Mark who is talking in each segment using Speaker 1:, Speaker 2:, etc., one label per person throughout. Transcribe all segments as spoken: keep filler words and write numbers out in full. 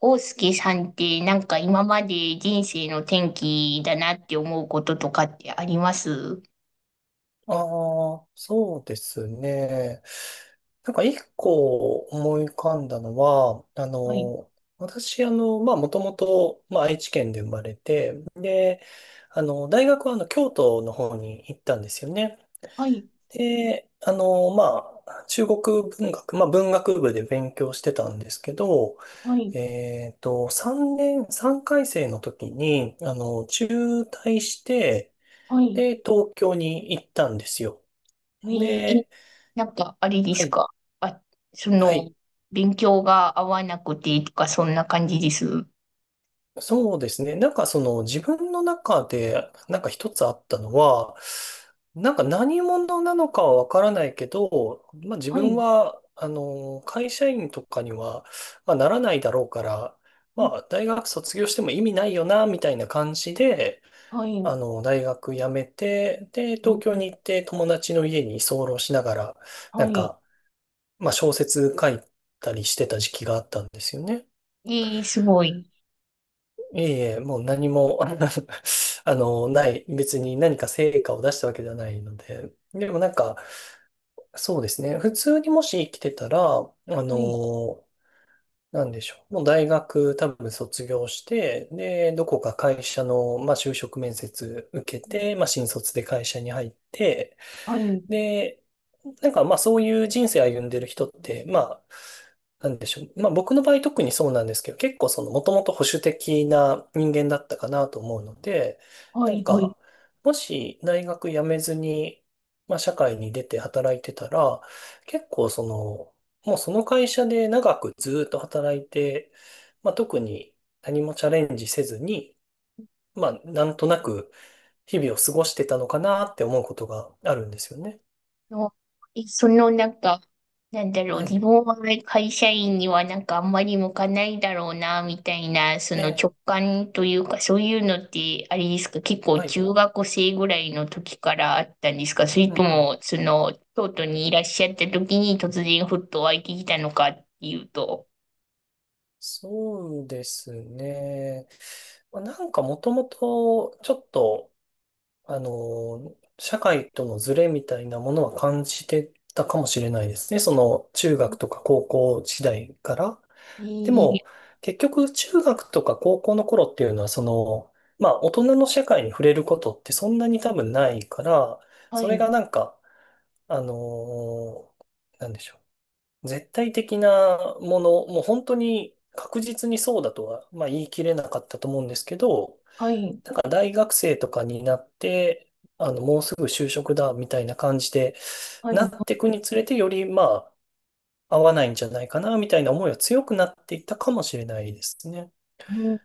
Speaker 1: 大介さんってなんか今まで人生の転機だなって思うこととかってあります？
Speaker 2: ああ、そうですね。なんか一個思い浮かんだのは、あ
Speaker 1: はい、
Speaker 2: の、私、あの、まあ、もともと、まあ、愛知県で生まれて、で、あの、大学は、あの、京都の方に行ったんですよね。
Speaker 1: はい、
Speaker 2: で、あの、まあ、中国文学、まあ、文学部で勉強してたんですけど、
Speaker 1: はい、
Speaker 2: えっと、さんねん、さんかいせい生の時に、あの、中退して、
Speaker 1: はい。
Speaker 2: で、東京に行ったんですよ。
Speaker 1: えーえ。
Speaker 2: で、
Speaker 1: なんかあれで
Speaker 2: は
Speaker 1: す
Speaker 2: い。
Speaker 1: か？あ、そ
Speaker 2: は
Speaker 1: の、
Speaker 2: い。
Speaker 1: 勉強が合わなくてとかそんな感じです。
Speaker 2: そうですね。なんかその自分の中でなんか一つあったのは、なんか何者なのかはわからないけど、まあ自
Speaker 1: は
Speaker 2: 分
Speaker 1: い、
Speaker 2: は、あの、会社員とかには、まあ、ならないだろうから、
Speaker 1: う
Speaker 2: ま
Speaker 1: ん、
Speaker 2: あ大学卒業しても意味ないよな、みたいな感じで、
Speaker 1: は
Speaker 2: あ
Speaker 1: い、
Speaker 2: の、大学辞めて、で、
Speaker 1: う
Speaker 2: 東
Speaker 1: ん、
Speaker 2: 京に行って友達の家に居候しながら、な
Speaker 1: は
Speaker 2: ん
Speaker 1: い。
Speaker 2: か、まあ小説書いたりしてた時期があったんですよね。
Speaker 1: えー、すごい。
Speaker 2: いえいえ、もう何も、あの、ない、別に何か成果を出したわけではないので、でもなんか、そうですね、普通にもし生きてたら、あ
Speaker 1: はい、
Speaker 2: の、なんでしょう、もう大学多分卒業して、で、どこか会社の、まあ、就職面接受けて、まあ、新卒で会社に入って、
Speaker 1: はい、
Speaker 2: で、なんかまあそういう人生歩んでる人って、まあ、なんでしょう。まあ僕の場合特にそうなんですけど、結構そのもともと保守的な人間だったかなと思うので、
Speaker 1: は
Speaker 2: なん
Speaker 1: い、はい。
Speaker 2: か、もし大学辞めずに、まあ社会に出て働いてたら、結構その、もうその会社で長くずっと働いて、まあ特に何もチャレンジせずに、まあなんとなく日々を過ごしてたのかなって思うことがあるんですよね。
Speaker 1: の、えそのなんか、なんだろう、
Speaker 2: は
Speaker 1: 自
Speaker 2: い。
Speaker 1: 分は会社員にはなんかあんまり向かないだろうな、みたいな、そ
Speaker 2: え
Speaker 1: の直
Speaker 2: え、
Speaker 1: 感というか、そういうのって、あれですか？結構
Speaker 2: はい。
Speaker 1: 中学生ぐらいの時からあったんですか？それ
Speaker 2: う
Speaker 1: と
Speaker 2: んうん、
Speaker 1: も、その、京都にいらっしゃった時に突然ふっと湧いてきたのかっていうと。
Speaker 2: そうですね。まあなんかもともと、ちょっと、あの、社会とのズレみたいなものは感じてたかもしれないですね。その、中学とか高校時代から。
Speaker 1: え
Speaker 2: で
Speaker 1: ー、
Speaker 2: も、結局、中学とか高校の頃っていうのは、その、まあ、大人の社会に触れることってそんなに多分ないから、
Speaker 1: は
Speaker 2: それ
Speaker 1: い、
Speaker 2: がなんか、あの、なんでしょう。絶対的なもの、もう本当に確実にそうだとは、まあ、言い切れなかったと思うんですけど、
Speaker 1: はい、
Speaker 2: なんか大学生とかになって、あの、もうすぐ就職だみたいな感じで、
Speaker 1: はい。
Speaker 2: な
Speaker 1: は
Speaker 2: ってい
Speaker 1: い。
Speaker 2: くにつれて、よりまあ、合わないんじゃないかなみたいな思いは強くなっていったかもしれないですね。
Speaker 1: うん。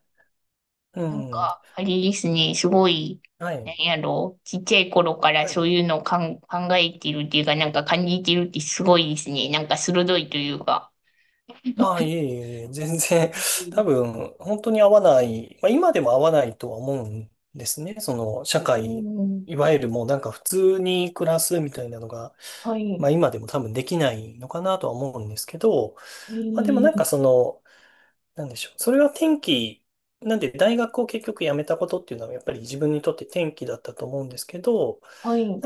Speaker 2: う
Speaker 1: なん
Speaker 2: ん。
Speaker 1: か、あれですね、すごい、
Speaker 2: は
Speaker 1: な
Speaker 2: い。
Speaker 1: んやろう、ちっちゃい頃から
Speaker 2: は
Speaker 1: そ
Speaker 2: い
Speaker 1: ういうのをかん、考えてるっていうか、なんか感じてるってすごいですね。なんか鋭いというか。
Speaker 2: ああ、いえいえいえ、全然、
Speaker 1: うん、
Speaker 2: 多分、本当に合わない、まあ、今でも合わないとは思うんですね。その、社会、いわゆるもうなんか普通に暮らすみたいなのが、
Speaker 1: は
Speaker 2: ま
Speaker 1: い、
Speaker 2: あ今でも多分できないのかなとは思うんですけど、
Speaker 1: え
Speaker 2: まあでもなん
Speaker 1: ー、
Speaker 2: かその、なんでしょう。それは転機、なんで大学を結局辞めたことっていうのはやっぱり自分にとって転機だったと思うんですけど、
Speaker 1: はい、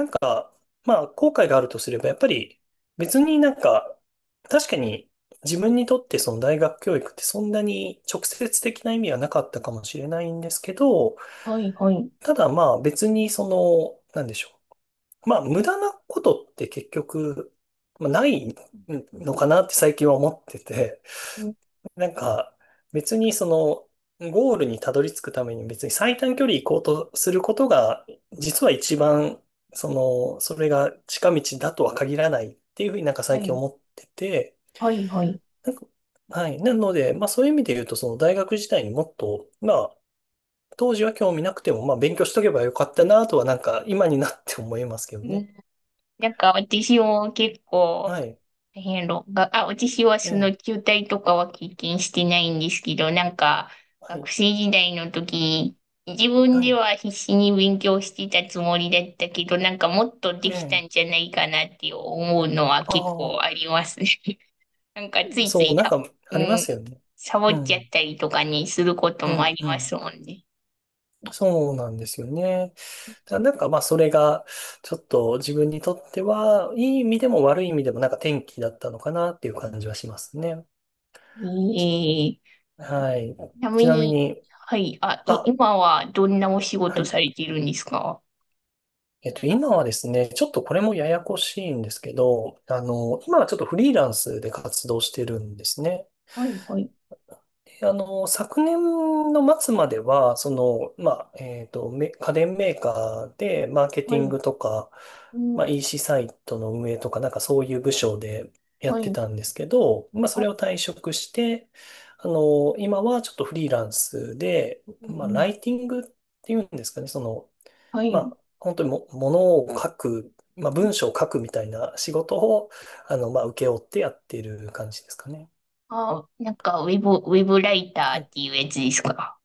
Speaker 2: まあ、後悔があるとすれば、やっぱり別になんか、確かに自分にとってその大学教育ってそんなに直接的な意味はなかったかもしれないんですけど、
Speaker 1: はい、はい、
Speaker 2: ただまあ別にその、なんでしょう。まあ無駄なことって結局、まあないのかなって最近は思ってて、
Speaker 1: うん、
Speaker 2: なんか、別にその、ゴールにたどり着くために別に最短距離行こうとすることが、実は一番、その、それが近道だとは限らないっていうふうになんか
Speaker 1: は
Speaker 2: 最近
Speaker 1: い、
Speaker 2: 思ってて、
Speaker 1: はい、はい。
Speaker 2: なんか、はい。なので、まあそういう意味で言うと、その大学時代にもっと、まあ、当時は興味なくても、まあ勉強しとけばよかったなとはなんか今になって思いますけど
Speaker 1: う
Speaker 2: ね。
Speaker 1: ん。なんか私も結
Speaker 2: は
Speaker 1: 構、
Speaker 2: い。
Speaker 1: 大変論が、あ、私は
Speaker 2: え
Speaker 1: その
Speaker 2: え。
Speaker 1: 中退とかは経験してないんですけど、なんか
Speaker 2: は
Speaker 1: 学
Speaker 2: い。
Speaker 1: 生時代の時、自分
Speaker 2: は
Speaker 1: で
Speaker 2: い。
Speaker 1: は必死に勉強してたつもりだったけど、なんかもっと
Speaker 2: え
Speaker 1: できたん
Speaker 2: え。
Speaker 1: じゃないかなって思うのは
Speaker 2: あ
Speaker 1: 結構あ
Speaker 2: あ、
Speaker 1: りますね。なんかついつ
Speaker 2: そう、
Speaker 1: い
Speaker 2: なん
Speaker 1: サ、
Speaker 2: か
Speaker 1: う
Speaker 2: ありま
Speaker 1: ん、
Speaker 2: すよね。
Speaker 1: サボ
Speaker 2: う
Speaker 1: っちゃっ
Speaker 2: ん。
Speaker 1: たりとかにすること
Speaker 2: う
Speaker 1: もあ
Speaker 2: ん。
Speaker 1: り
Speaker 2: う
Speaker 1: ます
Speaker 2: ん。
Speaker 1: もんね。
Speaker 2: そうなんですよね。だなんかまあそれがちょっと自分にとってはいい意味でも悪い意味でもなんか転機だったのかなっていう感じはしますね。
Speaker 1: ええ。
Speaker 2: はい。
Speaker 1: ちな
Speaker 2: ち
Speaker 1: み
Speaker 2: なみ
Speaker 1: に、
Speaker 2: に、
Speaker 1: はい、あ、い、
Speaker 2: あ、
Speaker 1: 今はどんなお仕
Speaker 2: は
Speaker 1: 事
Speaker 2: い。
Speaker 1: されてるんですか？
Speaker 2: えっと、今はですね、ちょっとこれもややこしいんですけど、あの、今はちょっとフリーランスで活動してるんですね。
Speaker 1: はい、はい、
Speaker 2: あの、昨年の末までは、その、まあ、えっと、め家電メーカーで、マーケテ
Speaker 1: は
Speaker 2: ィン
Speaker 1: い。
Speaker 2: グとか、
Speaker 1: うん。
Speaker 2: まあ、イーシー サイトの運営とか、なんかそういう部署でや
Speaker 1: は
Speaker 2: って
Speaker 1: い。
Speaker 2: たんですけど、まあ、そ
Speaker 1: あ。
Speaker 2: れを退職して、あの、今はちょっとフリーランスで、
Speaker 1: う
Speaker 2: まあ、
Speaker 1: ん。
Speaker 2: ライティングっていうんですかね、その、
Speaker 1: は
Speaker 2: ま
Speaker 1: い。
Speaker 2: あ、本当にも、ものを書く、まあ、文章を書くみたいな仕事を、あの、まあ、請け負ってやってる感じですかね。
Speaker 1: あ、なんか、ウェブ、ウェブライ
Speaker 2: は
Speaker 1: ターっ
Speaker 2: い
Speaker 1: ていうやつですか？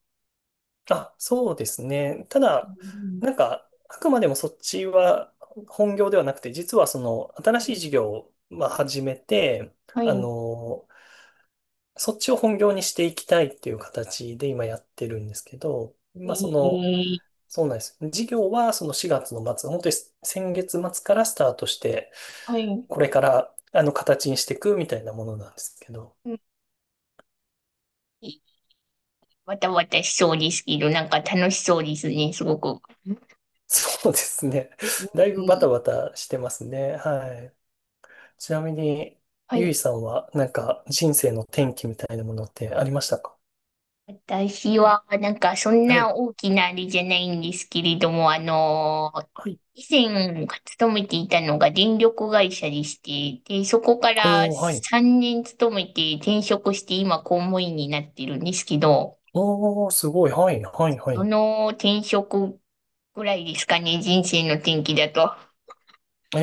Speaker 2: あ、そうですね。た
Speaker 1: う
Speaker 2: だ、
Speaker 1: ん。
Speaker 2: なんか、あくまでもそっちは本業ではなくて、実はその新
Speaker 1: は
Speaker 2: しい
Speaker 1: い。
Speaker 2: 事業をまあ始めて、
Speaker 1: は
Speaker 2: あ
Speaker 1: い。
Speaker 2: の、そっちを本業にしていきたいっていう形で今やってるんですけど、
Speaker 1: え
Speaker 2: まあその、
Speaker 1: ー、
Speaker 2: そうなんです。事業はそのしがつの末、本当に先月末からスタートして、
Speaker 1: はい。
Speaker 2: これからあの形にしていくみたいなものなんですけど、
Speaker 1: うん。わたわたしそうですけど、なんか楽しそうですね、すごく。
Speaker 2: そうですね。
Speaker 1: うん、
Speaker 2: だいぶバタバタしてますね。はい。ちなみに、
Speaker 1: は
Speaker 2: ゆ
Speaker 1: い。
Speaker 2: いさんは、なんか、人生の転機みたいなものってありましたか？
Speaker 1: 私は、なんか、そん
Speaker 2: は
Speaker 1: な
Speaker 2: い。
Speaker 1: 大きなあれじゃないんですけれども、あの、
Speaker 2: はい。
Speaker 1: 以前、勤めていたのが電力会社でして、で、そこから
Speaker 2: おー、はい。
Speaker 1: さんねん勤めて転職して、今、公務員になってるんですけど、
Speaker 2: おー、すごい。はい、はい、は
Speaker 1: そ
Speaker 2: い。
Speaker 1: の転職ぐらいですかね、人生の転機だと。
Speaker 2: えー、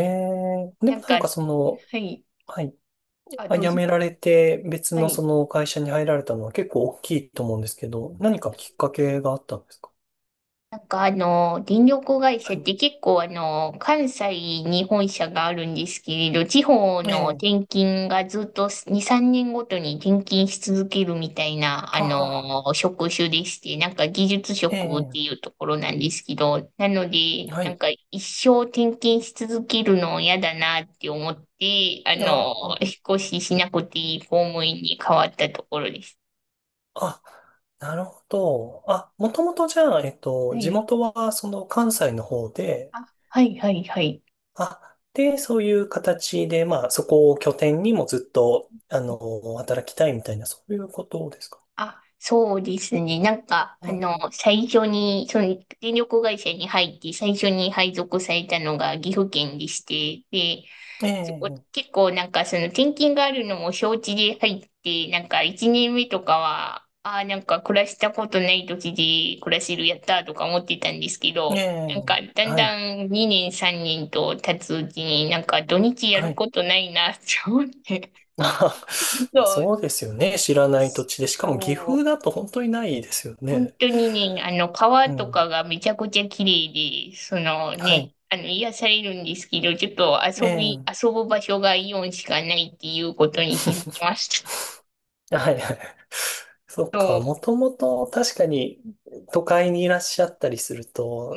Speaker 2: で
Speaker 1: な
Speaker 2: も
Speaker 1: ん
Speaker 2: な
Speaker 1: か、
Speaker 2: んかそ
Speaker 1: は
Speaker 2: の、
Speaker 1: い。
Speaker 2: はい。
Speaker 1: あ、
Speaker 2: あ
Speaker 1: どう
Speaker 2: 辞
Speaker 1: ぞ。
Speaker 2: められて、別
Speaker 1: は
Speaker 2: のそ
Speaker 1: い。
Speaker 2: の会社に入られたのは結構大きいと思うんですけど、何かきっかけがあったんですか？
Speaker 1: なんかあの、電力会社
Speaker 2: は
Speaker 1: っ
Speaker 2: い。
Speaker 1: て結構あの、関西に本社があるんですけれど、地方の
Speaker 2: ええ
Speaker 1: 転勤がずっとに、さんねんごとに転勤し続けるみたいな、あ
Speaker 2: ああ
Speaker 1: の、職種でして、なんか技術
Speaker 2: ー、
Speaker 1: 職っ
Speaker 2: え
Speaker 1: ていうところなんですけど、なの
Speaker 2: え
Speaker 1: で、
Speaker 2: は
Speaker 1: なん
Speaker 2: い。
Speaker 1: か一生転勤し続けるの嫌だなって思って、あ
Speaker 2: あ
Speaker 1: の、
Speaker 2: ー
Speaker 1: 引っ越ししなくていい公務員に変わったところです。
Speaker 2: あ、なるほど。あ、もともとじゃあ、えっと、
Speaker 1: は
Speaker 2: 地
Speaker 1: い。
Speaker 2: 元はその関西の方で、
Speaker 1: あ、はい、はい、はい。
Speaker 2: あ、で、そういう形で、まあ、そこを拠点にもずっと、あの、働きたいみたいな、そういうことですか。
Speaker 1: あ、そうですね。なんか、
Speaker 2: う
Speaker 1: あ
Speaker 2: ん
Speaker 1: の、
Speaker 2: うん
Speaker 1: 最初に、その、電力会社に入って、最初に配属されたのが岐阜県でして、で、
Speaker 2: え
Speaker 1: そこ、
Speaker 2: え、
Speaker 1: 結構なんか、その、転勤があるのも承知で入って、なんか、いちねんめとかは、ああ、なんか、暮らしたことない土地で暮らせる、やったーとか思ってたんですけ
Speaker 2: え
Speaker 1: ど、な
Speaker 2: え、
Speaker 1: んか、だん
Speaker 2: はい、
Speaker 1: だんにねん、さんねんと経つうちに、なんか、土日や
Speaker 2: は
Speaker 1: る
Speaker 2: い。
Speaker 1: ことないな、って思って、
Speaker 2: ま あ、
Speaker 1: そう、
Speaker 2: そうですよね。知らない土地で。しかも岐
Speaker 1: そ
Speaker 2: 阜
Speaker 1: う。
Speaker 2: だと本当にないですよ
Speaker 1: 本
Speaker 2: ね。
Speaker 1: 当にね、あの、川
Speaker 2: う
Speaker 1: とか
Speaker 2: ん。
Speaker 1: がめちゃくちゃ綺麗で、その
Speaker 2: は
Speaker 1: ね、
Speaker 2: い。
Speaker 1: あの、癒されるんですけど、ちょっと
Speaker 2: え
Speaker 1: 遊び、
Speaker 2: え、
Speaker 1: 遊ぶ場所がイオンしかないっていうことに気づきました。
Speaker 2: はい。そっ
Speaker 1: そ
Speaker 2: か。もともと確かに都会にいらっしゃったりする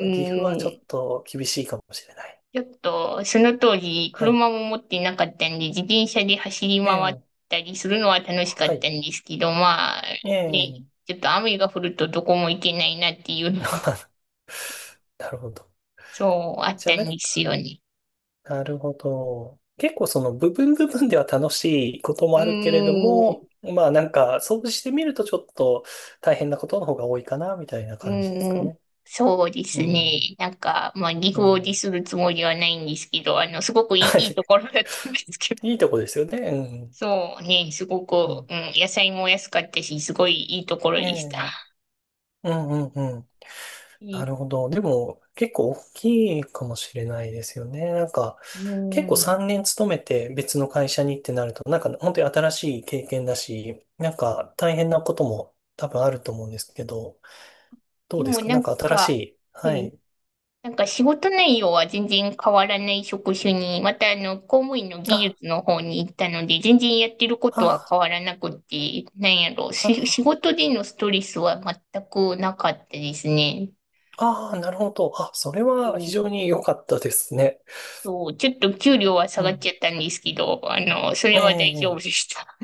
Speaker 1: う、う
Speaker 2: 岐阜はちょ
Speaker 1: ん、
Speaker 2: っと厳しいかもしれない。
Speaker 1: ちょっと、その当時、
Speaker 2: はい。
Speaker 1: 車も持ってなかったんで、自転車で走り
Speaker 2: え
Speaker 1: 回っ
Speaker 2: え、
Speaker 1: たりするのは楽しか
Speaker 2: は
Speaker 1: っ
Speaker 2: い。
Speaker 1: たんですけど、まあ、
Speaker 2: え
Speaker 1: ね、
Speaker 2: え。
Speaker 1: ちょっと雨が降るとどこも行けないなっていうのも、
Speaker 2: あ、なるほど。
Speaker 1: そう、あっ
Speaker 2: じゃ
Speaker 1: た
Speaker 2: あなん
Speaker 1: んです
Speaker 2: か、
Speaker 1: よね。
Speaker 2: なるほど。結構その部分部分では楽しいことも
Speaker 1: う
Speaker 2: あるけれど
Speaker 1: ー
Speaker 2: も、
Speaker 1: ん。
Speaker 2: まあなんか、掃除してみるとちょっと大変なことの方が多いかな、みたいな
Speaker 1: う
Speaker 2: 感じですか
Speaker 1: ん、
Speaker 2: ね。
Speaker 1: そうです
Speaker 2: う
Speaker 1: ね。
Speaker 2: ん。
Speaker 1: なんか、まあ、二
Speaker 2: う
Speaker 1: 合で
Speaker 2: ん。
Speaker 1: するつもりはないんですけど、あの、すごくいい、いいと
Speaker 2: は
Speaker 1: ころだったんですけど。
Speaker 2: い。いいとこですよね。う ん。
Speaker 1: そうね、すご
Speaker 2: う
Speaker 1: く、
Speaker 2: ん。
Speaker 1: うん、野菜も安かったし、すごいいいところ
Speaker 2: え
Speaker 1: でした。
Speaker 2: え。うんうんうん。な
Speaker 1: い
Speaker 2: るほど。でも、結構大きいかもしれないですよね。なんか、結
Speaker 1: う
Speaker 2: 構
Speaker 1: ん、
Speaker 2: さんねん勤めて別の会社にってなると、なんか本当に新しい経験だし、なんか大変なことも多分あると思うんですけど、ど
Speaker 1: で
Speaker 2: うです
Speaker 1: も
Speaker 2: か
Speaker 1: な
Speaker 2: なん
Speaker 1: ん
Speaker 2: か新し
Speaker 1: か、
Speaker 2: い。
Speaker 1: は
Speaker 2: は
Speaker 1: い、
Speaker 2: い。
Speaker 1: なんか仕事内容は全然変わらない職種に、またあの、公務員の技
Speaker 2: あ、
Speaker 1: 術の方に行ったので、全然やってることは
Speaker 2: あ、
Speaker 1: 変わらなくて、なんやろう、し、仕
Speaker 2: あ、
Speaker 1: 事でのストレスは全くなかったですね。
Speaker 2: あ、なるほど。あ、それは非常に良かったですね。
Speaker 1: そう、ちょっと給料は下
Speaker 2: う
Speaker 1: がっち
Speaker 2: ん。
Speaker 1: ゃったんですけど、あの、それ
Speaker 2: え
Speaker 1: は大丈夫
Speaker 2: え
Speaker 1: で
Speaker 2: え
Speaker 1: した。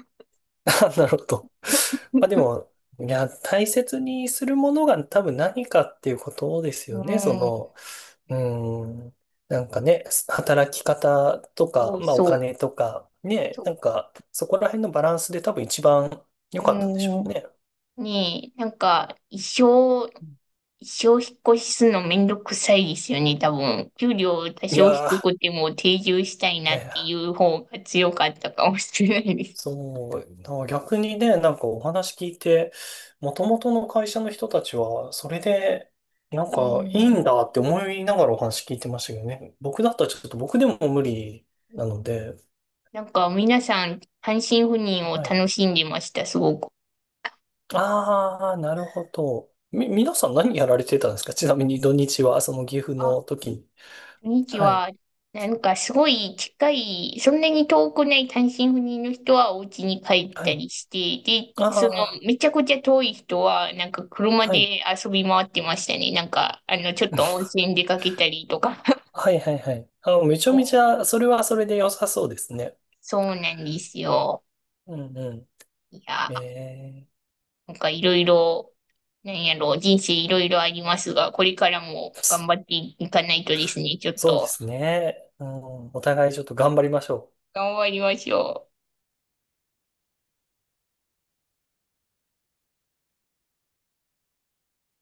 Speaker 2: あ、なるほど。まあでも、いや、大切にするものが多分何かっていうことです
Speaker 1: う
Speaker 2: よね。そ
Speaker 1: ん、
Speaker 2: の、うん。なんかね、働き方とか、
Speaker 1: そう
Speaker 2: まあお
Speaker 1: そう、
Speaker 2: 金とか、ね、な
Speaker 1: そ
Speaker 2: んかそこら辺のバランスで多分一番
Speaker 1: う。
Speaker 2: 良かったんでしょ
Speaker 1: う
Speaker 2: う
Speaker 1: ん、
Speaker 2: ね。
Speaker 1: ねえ、なんか、一生、一生引っ越しするのめんどくさいですよね、多分。給料多
Speaker 2: い
Speaker 1: 少
Speaker 2: や
Speaker 1: 低
Speaker 2: ー、
Speaker 1: くても定住したい
Speaker 2: い
Speaker 1: なっ
Speaker 2: やい
Speaker 1: てい
Speaker 2: や、
Speaker 1: う方が強かったかもしれないです。
Speaker 2: そう、だから逆にね、なんかお話聞いて、もともとの会社の人たちは、それで、なん
Speaker 1: う
Speaker 2: かいい
Speaker 1: ん、
Speaker 2: んだって思いながらお話聞いてましたけどね。僕だったらちょっと僕でも無理なので、
Speaker 1: なんか、皆さん、単身赴任を
Speaker 2: はい。
Speaker 1: 楽しんでました、すごく。
Speaker 2: ああ、なるほど。み、皆さん何やられてたんですか？ちなみに土日は、その岐阜の
Speaker 1: あ。
Speaker 2: 時に。
Speaker 1: 土日
Speaker 2: はい。
Speaker 1: は、なんかすごい近い、そんなに遠くない単身赴任の人はお家に帰っ
Speaker 2: は
Speaker 1: た
Speaker 2: い。
Speaker 1: りして、で、その、
Speaker 2: あ
Speaker 1: めちゃくちゃ遠い人は、なんか
Speaker 2: あ、
Speaker 1: 車
Speaker 2: はい。
Speaker 1: で遊び回ってましたね。なんか、あの、ちょっと温泉出かけたりとか。
Speaker 2: はいはいはい。あ、めちゃ
Speaker 1: そ
Speaker 2: め
Speaker 1: う。
Speaker 2: ちゃ、それはそれで良さそうですね。
Speaker 1: そうなんですよ。
Speaker 2: うんうん。
Speaker 1: いや、
Speaker 2: ええ、
Speaker 1: なんかいろいろ、なんやろう、人生いろいろありますが、これからも頑張っていかないとですね、ちょっ
Speaker 2: そうで
Speaker 1: と
Speaker 2: すね。うん、お互いちょっと頑張りましょう。
Speaker 1: 頑張りましょう。